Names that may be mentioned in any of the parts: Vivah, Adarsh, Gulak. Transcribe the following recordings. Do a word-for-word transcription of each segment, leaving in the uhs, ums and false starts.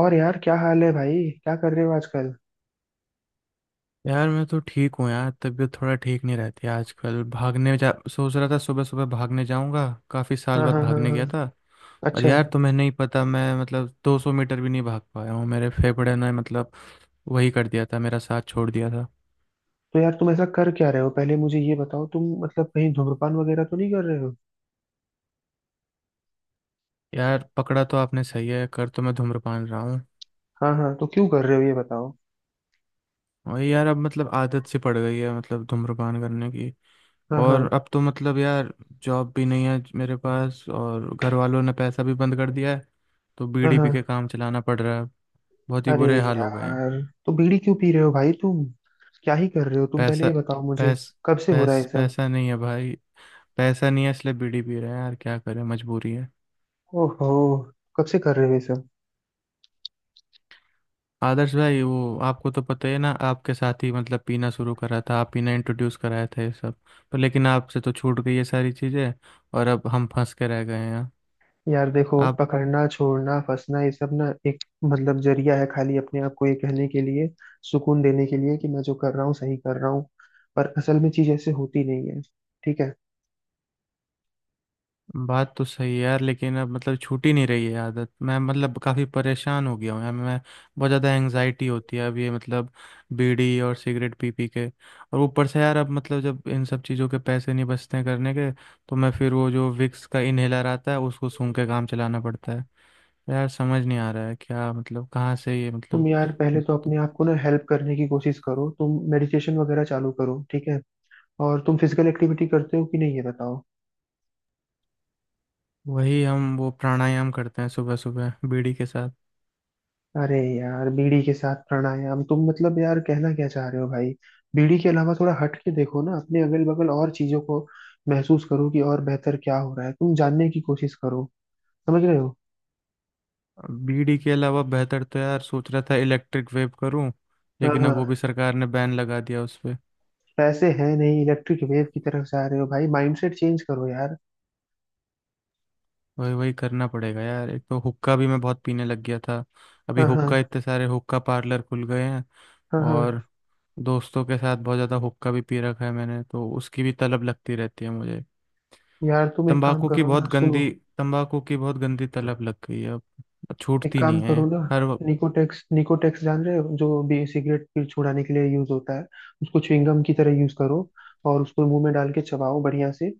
और यार, क्या हाल है भाई? क्या कर रहे हो आजकल? यार मैं तो ठीक हूँ यार। तबीयत थोड़ा ठीक नहीं रहती आजकल। भागने जा सोच रहा था सुबह सुबह भागने जाऊंगा। काफ़ी साल हाँ बाद हाँ हाँ भागने हाँ। गया था। और अच्छा। यार तुम्हें नहीं पता, मैं मतलब दो सौ मीटर भी नहीं भाग पाया हूँ। मेरे फेफड़े ने मतलब वही कर दिया था, मेरा साथ छोड़ दिया था। तो यार, तुम ऐसा कर क्या रहे हो? पहले मुझे ये बताओ, तुम मतलब कहीं धूम्रपान वगैरह तो नहीं कर रहे हो? यार पकड़ा तो आपने सही है, कर तो मैं धूम्रपान रहा हूँ। हाँ हाँ, तो क्यों कर रहे हो ये बताओ। और यार अब मतलब आदत सी पड़ गई है मतलब, धूम्रपान करने की। हाँ और हाँ अब तो मतलब यार, जॉब भी नहीं है मेरे पास और घर वालों ने पैसा भी बंद कर दिया है। तो हाँ बीड़ी पी के हाँ। काम चलाना पड़ रहा है। बहुत ही अरे बुरे हाल हो गए हैं। यार, तो बीड़ी क्यों पी रहे हो भाई तुम? क्या ही कर रहे हो तुम, पहले पैसा ये बताओ मुझे। पैस कब से हो रहा है पैस ये सब? पैसा नहीं है भाई। पैसा नहीं है, इसलिए बीड़ी पी रहे हैं यार, क्या करें, मजबूरी है। ओहो। कब से कर रहे हो ये सब? आदर्श भाई, वो आपको तो पता ही है ना, आपके साथ ही मतलब पीना शुरू करा था, आप पीना इंट्रोड्यूस कराए थे ये सब। पर लेकिन आपसे तो छूट गई ये सारी चीज़ें। और अब हम फंस के रह गए हैं यहाँ। यार देखो, आप पकड़ना, छोड़ना, फंसना ये सब ना एक मतलब जरिया है खाली अपने आप को ये कहने के लिए, सुकून देने के लिए कि मैं जो कर रहा हूँ सही कर रहा हूँ। पर असल में चीज ऐसे होती नहीं है। ठीक है? बात तो सही है यार, लेकिन अब मतलब छूट ही नहीं रही है आदत, मैं मतलब काफ़ी परेशान हो गया हूँ यार मैं। बहुत ज़्यादा एंग्जाइटी होती है अब ये मतलब, बीड़ी और सिगरेट पी पी के। और ऊपर से यार अब मतलब जब इन सब चीज़ों के पैसे नहीं बचते हैं करने के, तो मैं फिर वो जो विक्स का इनहेलर आता है उसको सूंघ के काम चलाना पड़ता है। यार समझ नहीं आ रहा है क्या मतलब, कहाँ से ये तुम मतलब। यार पहले तो अपने आप को ना हेल्प करने की कोशिश करो, तुम मेडिटेशन वगैरह चालू करो, ठीक है? और तुम फिजिकल एक्टिविटी करते हो कि नहीं, ये बताओ। वही हम वो प्राणायाम करते हैं सुबह सुबह बीड़ी के साथ। अरे यार, बीड़ी के साथ प्राणायाम? तुम मतलब यार कहना क्या चाह रहे हो भाई? बीड़ी के अलावा थोड़ा हट के देखो ना अपने अगल बगल और चीजों को। महसूस करो कि और बेहतर क्या हो रहा है, तुम जानने की कोशिश करो। समझ रहे हो? बीडी के अलावा बेहतर तो यार सोच रहा था इलेक्ट्रिक वेव करूं। हाँ लेकिन अब वो भी हाँ। सरकार ने बैन लगा दिया उस पे। पैसे हैं नहीं, इलेक्ट्रिक वेव की तरफ जा रहे हो भाई। माइंडसेट चेंज करो यार। वही वही करना पड़ेगा यार। एक तो हुक्का भी मैं बहुत पीने लग गया था। अभी हाँ हाँ हुक्का, इतने सारे हुक्का पार्लर खुल गए हैं। हाँ हाँ। और दोस्तों के साथ बहुत ज़्यादा हुक्का भी पी रखा है मैंने तो, उसकी भी तलब लगती रहती है मुझे। यार तुम एक काम तंबाकू की करो बहुत ना, सुनो। गंदी तंबाकू की बहुत गंदी तलब लग गई है, अब एक छूटती काम नहीं है। करो ना, हर वक्त- निकोटेक्स, निकोटेक्स जान रहे हो, जो भी सिगरेट फिर छुड़ाने के लिए यूज होता है, उसको च्युइंगम की तरह यूज करो। और उसको मुंह में डाल के चबाओ बढ़िया से।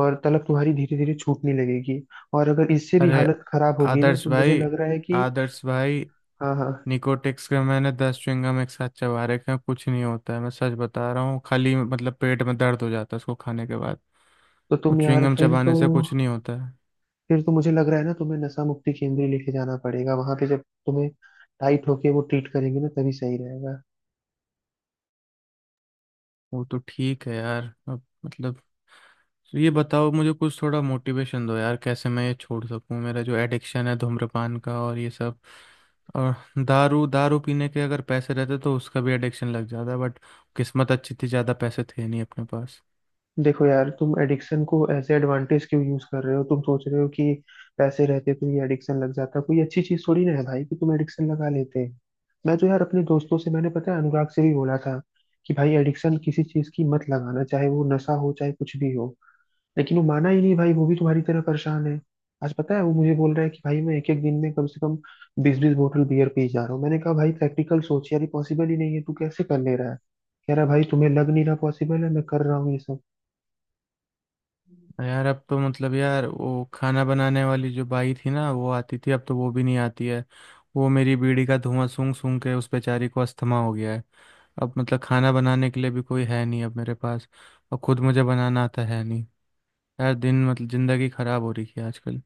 और तलब तुम्हारी धीरे धीरे छूटने लगेगी। और अगर इससे भी अरे हालत खराब होगी ना, आदर्श तो मुझे भाई, लग रहा है कि। आदर्श भाई, हाँ हाँ। निकोटिक्स के मैंने दस च्युइंगम एक साथ चबा रखे हैं, कुछ नहीं होता है, मैं सच बता रहा हूँ, खाली मतलब पेट में दर्द हो जाता है उसको खाने के बाद। तो वो तुम यार च्युइंगम फिर चबाने तो, से कुछ नहीं होता है। फिर तो मुझे लग रहा है ना, तुम्हें नशा मुक्ति केंद्र लेके जाना पड़ेगा। वहां पे जब तुम्हें टाइट होके वो ट्रीट करेंगे ना, तभी सही रहेगा। वो तो ठीक है यार, अब मतलब, तो ये बताओ मुझे कुछ थोड़ा मोटिवेशन दो यार, कैसे मैं ये छोड़ सकूं, मेरा जो एडिक्शन है धूम्रपान का और ये सब। और दारू दारू पीने के अगर पैसे रहते तो उसका भी एडिक्शन लग जाता, बट किस्मत अच्छी थी, ज़्यादा पैसे थे नहीं अपने पास। देखो यार, तुम एडिक्शन को एज एडवांटेज क्यों यूज कर रहे हो? तुम सोच रहे हो कि पैसे रहते तो ये एडिक्शन लग जाता, कोई अच्छी चीज थोड़ी ना है भाई कि तुम एडिक्शन लगा लेते। मैं तो यार अपने दोस्तों से, मैंने पता है अनुराग से भी बोला था कि भाई एडिक्शन किसी चीज की मत लगाना, चाहे वो नशा हो चाहे कुछ भी हो। लेकिन वो माना ही नहीं भाई, वो भी तुम्हारी तरह परेशान है। आज पता है वो मुझे बोल रहा है कि भाई मैं एक एक दिन में कम से कम बीस बीस बोतल बियर पी जा रहा हूँ। मैंने कहा भाई, प्रैक्टिकल सोच यार, ये पॉसिबल ही नहीं है, तू कैसे कर ले रहा है? कह रहा है भाई तुम्हें लग नहीं रहा पॉसिबल है, मैं कर रहा हूँ ये सब। यार अब तो मतलब यार, वो खाना बनाने वाली जो बाई थी ना, वो आती थी, अब तो वो भी नहीं आती है। वो मेरी बीड़ी का धुआं सूंघ सूंघ के उस बेचारी को अस्थमा हो गया है। अब मतलब खाना बनाने के लिए भी कोई है नहीं अब मेरे पास। और खुद मुझे बनाना आता है नहीं। यार दिन मतलब ज़िंदगी ख़राब हो रही है आजकल।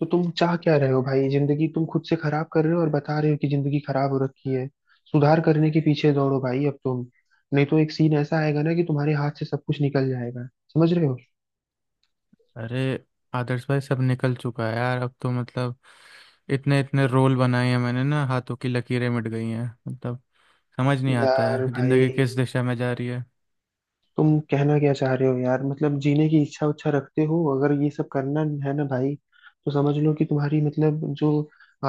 तो तुम चाह क्या रहे हो भाई? जिंदगी तुम खुद से खराब कर रहे हो और बता रहे हो कि जिंदगी खराब हो रखी है। सुधार करने के पीछे दौड़ो भाई अब तुम। नहीं तो एक सीन ऐसा आएगा ना कि तुम्हारे हाथ से सब कुछ निकल जाएगा। समझ रहे हो? अरे आदर्श भाई, सब निकल चुका है यार, अब तो मतलब इतने इतने रोल बनाए हैं मैंने ना, हाथों की लकीरें मिट गई हैं मतलब। समझ नहीं आता यार है भाई, ज़िंदगी किस दिशा में जा रही है। तुम कहना क्या चाह रहे हो यार? मतलब जीने की इच्छा उच्छा रखते हो अगर, ये सब करना है ना भाई? तो समझ लो कि तुम्हारी मतलब जो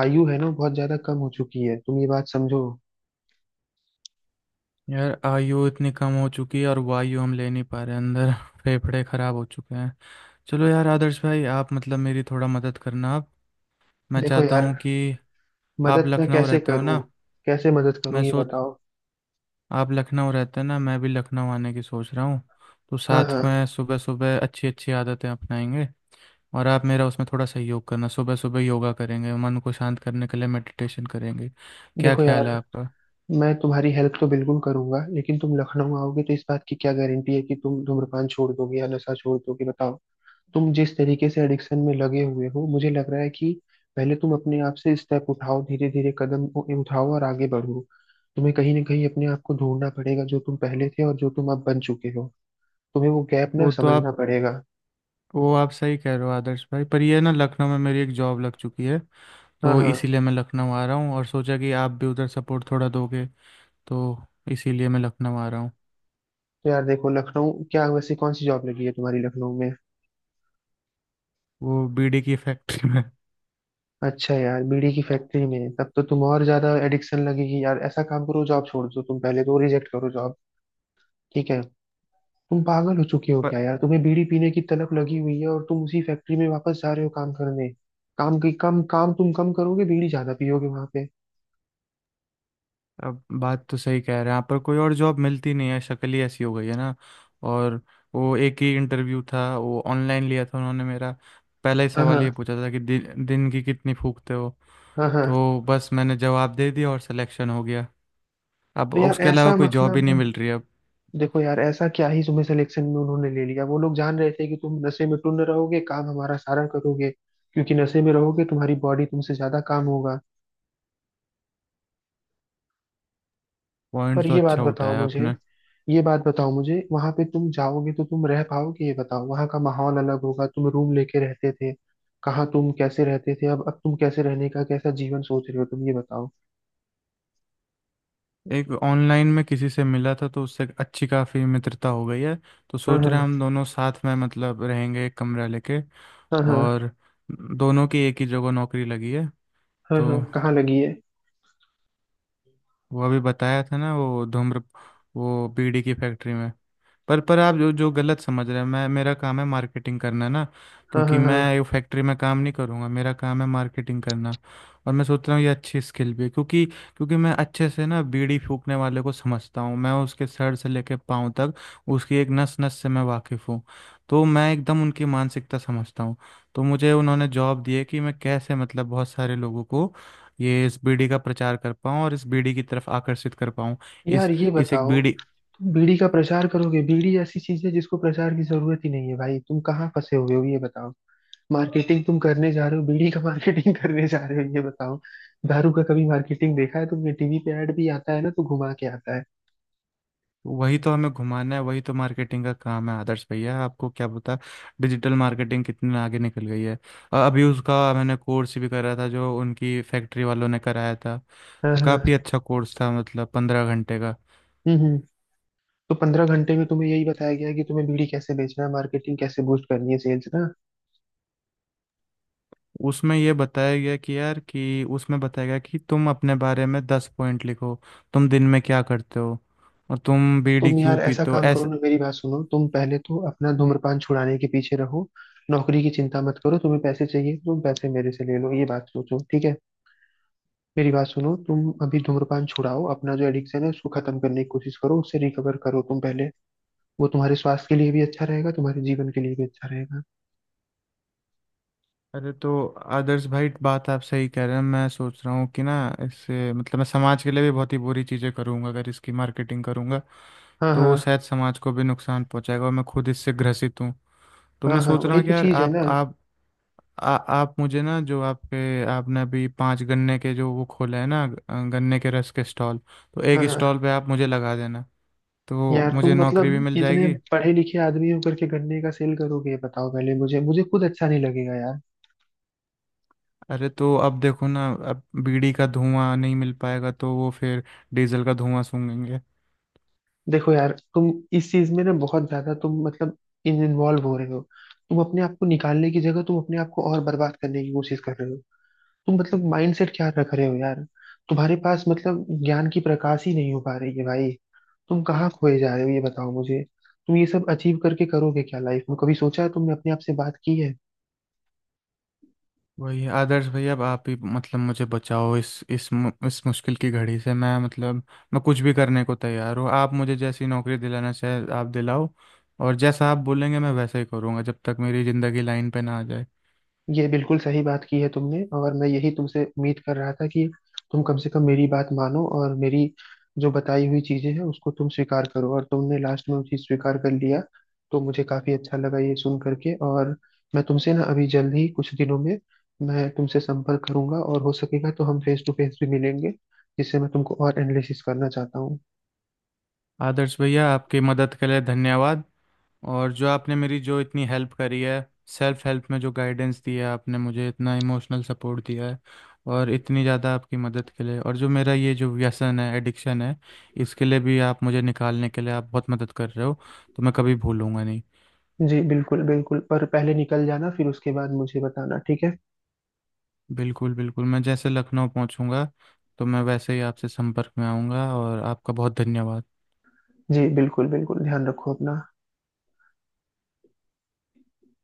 आयु है ना, वो बहुत ज्यादा कम हो चुकी है, तुम ये बात समझो। यार, आयु इतनी कम हो चुकी है और वायु हम ले नहीं पा रहे अंदर। फेफड़े खराब हो चुके हैं। चलो यार आदर्श भाई, आप मतलब मेरी थोड़ा मदद करना आप। मैं देखो चाहता यार, हूँ कि आप मदद मैं लखनऊ कैसे रहते हो ना। करूं? कैसे मदद करूं मैं ये सोच बताओ। आप लखनऊ रहते हैं ना, मैं भी लखनऊ आने की सोच रहा हूँ। तो हाँ साथ हाँ। में सुबह सुबह अच्छी अच्छी आदतें अपनाएंगे। और आप मेरा उसमें थोड़ा सहयोग करना, सुबह सुबह योगा करेंगे, मन को शांत करने के लिए मेडिटेशन करेंगे। क्या देखो यार, ख्याल है आपका? मैं तुम्हारी हेल्प तो बिल्कुल करूंगा, लेकिन तुम लखनऊ आओगे तो इस बात की क्या गारंटी है कि तुम धूम्रपान छोड़ दोगे या नशा छोड़ दोगे, बताओ? तुम जिस तरीके से एडिक्शन में लगे हुए हो, मुझे लग रहा है कि पहले तुम अपने आप से स्टेप उठाओ, धीरे धीरे कदम उ- उठाओ और आगे बढ़ो। तुम्हें कहीं ना कहीं अपने आप को ढूंढना पड़ेगा जो तुम पहले थे और जो तुम अब बन चुके हो। तुम्हें वो गैप ना वो तो समझना आप पड़ेगा। वो आप सही कह रहे हो आदर्श भाई, पर ये ना लखनऊ में मेरी एक जॉब लग चुकी है। हाँ तो हाँ। इसीलिए मैं लखनऊ आ रहा हूँ और सोचा कि आप भी उधर सपोर्ट थोड़ा दोगे। तो इसीलिए मैं लखनऊ आ रहा हूँ। तो यार देखो, लखनऊ क्या, वैसे कौन सी जॉब लगी है तुम्हारी लखनऊ में? वो बीड़ी की फैक्ट्री में अच्छा, यार बीड़ी की फैक्ट्री में तब तो तुम और ज्यादा एडिक्शन लगेगी यार। ऐसा काम करो, जॉब छोड़ दो तुम, पहले तो रिजेक्ट करो जॉब। ठीक है? तुम पागल हो चुके हो क्या पर यार? तुम्हें बीड़ी पीने की तलब लगी हुई है और तुम उसी फैक्ट्री में वापस जा रहे हो काम करने। काम की, कम काम तुम कम करोगे, बीड़ी ज्यादा पियोगे वहां पे। अब बात तो सही कह रहे हैं आप, पर कोई और जॉब मिलती नहीं है, शक्ल ही ऐसी हो गई है ना। और वो एक ही इंटरव्यू था, वो ऑनलाइन लिया था उन्होंने मेरा। पहला ही हाँ सवाल ये हाँ पूछा था कि दि, दिन की कितनी फूकते हो। हाँ हाँ। तो बस मैंने जवाब दे दिया और सिलेक्शन हो गया। अब तो यार उसके अलावा ऐसा कोई जॉब ही मतलब नहीं मिल रही है अब। देखो यार, ऐसा क्या ही तुम्हें सिलेक्शन में उन्होंने ले लिया, वो लोग जान रहे थे कि तुम नशे में टुन रहोगे, काम हमारा सारा करोगे। क्योंकि नशे में रहोगे, तुम्हारी बॉडी तुमसे ज्यादा काम होगा। पॉइंट पर तो ये बात अच्छा बताओ उठाया मुझे, आपने। ये बात बताओ मुझे, वहां पे तुम जाओगे तो तुम रह पाओगे ये बताओ। वहां का माहौल अलग होगा, तुम रूम लेके रहते थे कहाँ, तुम कैसे रहते थे? अब अब तुम कैसे रहने का, कैसा जीवन सोच रहे हो तुम ये बताओ। एक ऑनलाइन में किसी से मिला था तो उससे अच्छी काफ़ी मित्रता हो गई है। तो हाँ सोच रहे हैं हाँ। हम दोनों साथ में मतलब रहेंगे, एक कमरा लेके। हाँ हाँ। और दोनों की एक ही जगह नौकरी लगी है। हाँ तो हाँ कहाँ लगी है? वो अभी बताया था ना, वो धूम्र वो बीड़ी की फैक्ट्री में। पर पर आप जो जो गलत समझ रहे हैं, मैं मेरा काम है मार्केटिंग करना ना। हाँ क्योंकि हाँ हाँ। मैं फैक्ट्री में काम नहीं करूँगा, मेरा काम है मार्केटिंग करना। और मैं सोच रहा हूँ ये अच्छी स्किल भी है, क्योंकि क्योंकि मैं अच्छे से ना बीड़ी फूकने वाले को समझता हूँ। मैं उसके सर से लेके पाँव तक उसकी एक नस नस से मैं वाकिफ़ हूँ। तो मैं एकदम उनकी मानसिकता समझता हूँ। तो मुझे उन्होंने जॉब दी है कि मैं कैसे मतलब बहुत सारे लोगों को ये इस बीड़ी का प्रचार कर पाऊँ और इस बीड़ी की तरफ आकर्षित कर पाऊँ। इस यार ये इस एक बताओ, बीड़ी तुम बीड़ी का प्रचार करोगे? बीड़ी ऐसी चीज है जिसको प्रचार की जरूरत ही नहीं है भाई। तुम कहाँ फंसे हुए हो ये बताओ। मार्केटिंग तुम करने जा रहे हो, बीड़ी का मार्केटिंग करने जा रहे हो, ये बताओ। दारू का कभी मार्केटिंग देखा है तुमने? टीवी पे ऐड भी आता है ना तो घुमा के आता है। वही तो हमें घुमाना है, वही तो मार्केटिंग का काम है आदर्श भैया, आपको क्या पता डिजिटल मार्केटिंग कितने आगे निकल गई है। अ- अभी उसका मैंने कोर्स भी करा था जो उनकी फैक्ट्री वालों ने कराया था। हाँ तो काफ़ी हाँ। अच्छा कोर्स था मतलब, पंद्रह घंटे का। हम्म हम्म। तो पंद्रह घंटे में तुम्हें यही बताया गया है कि तुम्हें बीड़ी कैसे बेचना है, मार्केटिंग कैसे बूस्ट करनी है, सेल्स ना? उसमें ये बताया गया कि यार कि उसमें बताया गया कि तुम अपने बारे में दस पॉइंट लिखो। तुम दिन में क्या करते हो और तुम बीड़ी तुम क्यों यार ऐसा पीते हो, काम करो ऐसे। ना, मेरी बात सुनो, तुम पहले तो अपना धूम्रपान छुड़ाने के पीछे रहो। नौकरी की चिंता मत करो, तुम्हें पैसे चाहिए तुम पैसे मेरे से ले लो, ये बात सोचो, ठीक है? मेरी बात सुनो, तुम अभी धूम्रपान छुड़ाओ, अपना जो एडिक्शन है उसको खत्म करने की कोशिश करो, उससे रिकवर करो तुम पहले। वो तुम्हारे स्वास्थ्य के लिए भी अच्छा रहेगा, तुम्हारे जीवन के लिए भी अच्छा रहेगा। अरे तो आदर्श भाई, बात आप सही कह रहे हैं, मैं सोच रहा हूँ कि ना इससे मतलब मैं समाज के लिए भी बहुत ही बुरी चीज़ें करूँगा अगर इसकी मार्केटिंग करूँगा। हाँ तो वो हाँ। शायद समाज को भी नुकसान पहुँचाएगा और मैं खुद इससे ग्रसित हूँ। तो मैं हाँ हाँ सोच रहा वही हूँ कि तो यार चीज है आप ना। आप आ, आप मुझे ना जो आपके आपने अभी पांच गन्ने के जो वो खोले हैं ना, अ, गन्ने के रस के स्टॉल। तो हाँ एक स्टॉल हाँ। पे आप मुझे लगा देना, तो यार मुझे तुम नौकरी भी मतलब मिल इतने जाएगी। पढ़े लिखे आदमी होकर के गन्ने का सेल करोगे, ये बताओ पहले मुझे मुझे खुद अच्छा नहीं लगेगा यार। अरे तो अब देखो ना, अब बीड़ी का धुआं नहीं मिल पाएगा तो वो फिर डीजल का धुआं सूंघेंगे। देखो यार, तुम इस चीज में ना बहुत ज्यादा तुम मतलब इन इन्वॉल्व हो रहे हो। तुम अपने आप को निकालने की जगह तुम अपने आप को और बर्बाद करने की कोशिश कर रहे हो। तुम मतलब माइंडसेट क्या रख रहे हो यार? तुम्हारे पास मतलब ज्ञान की प्रकाश ही नहीं हो पा रही है भाई। तुम कहाँ खोए जा रहे हो ये बताओ मुझे। तुम ये सब अचीव करके करोगे क्या लाइफ में? कभी सोचा है तुमने, अपने आप से बात की है? वही आदर्श भैया, अब आप ही मतलब मुझे बचाओ इस इस मु- इस मुश्किल की घड़ी से, मैं मतलब मैं कुछ भी करने को तैयार हूँ। आप मुझे जैसी नौकरी दिलाना चाहे आप दिलाओ, और जैसा आप बोलेंगे मैं वैसा ही करूँगा जब तक मेरी ज़िंदगी लाइन पे ना आ जाए। ये बिल्कुल सही बात की है तुमने, और मैं यही तुमसे उम्मीद कर रहा था कि तुम कम से कम मेरी बात मानो और मेरी जो बताई हुई चीजें हैं उसको तुम स्वीकार करो, और तुमने लास्ट में वो चीज स्वीकार कर लिया, तो मुझे काफी अच्छा लगा ये सुन करके। और मैं तुमसे ना अभी जल्द ही कुछ दिनों में मैं तुमसे संपर्क करूंगा, और हो सकेगा तो हम फेस टू फेस भी मिलेंगे, जिससे मैं तुमको और एनालिसिस करना चाहता हूँ। आदर्श भैया, आपकी मदद के लिए धन्यवाद। और जो आपने मेरी जो इतनी हेल्प करी है, सेल्फ हेल्प में जो गाइडेंस दी है, आपने मुझे इतना इमोशनल सपोर्ट दिया है। और इतनी ज़्यादा आपकी मदद के लिए, और जो मेरा ये जो व्यसन है एडिक्शन है इसके लिए भी आप मुझे निकालने के लिए आप बहुत मदद कर रहे हो। तो मैं कभी भूलूंगा नहीं। जी बिल्कुल बिल्कुल, पर पहले निकल जाना फिर उसके बाद मुझे बताना, ठीक है? बिल्कुल बिल्कुल, मैं जैसे लखनऊ पहुंचूंगा तो मैं वैसे ही आपसे संपर्क में आऊँगा, और आपका बहुत धन्यवाद। जी बिल्कुल बिल्कुल, ध्यान रखो अपना।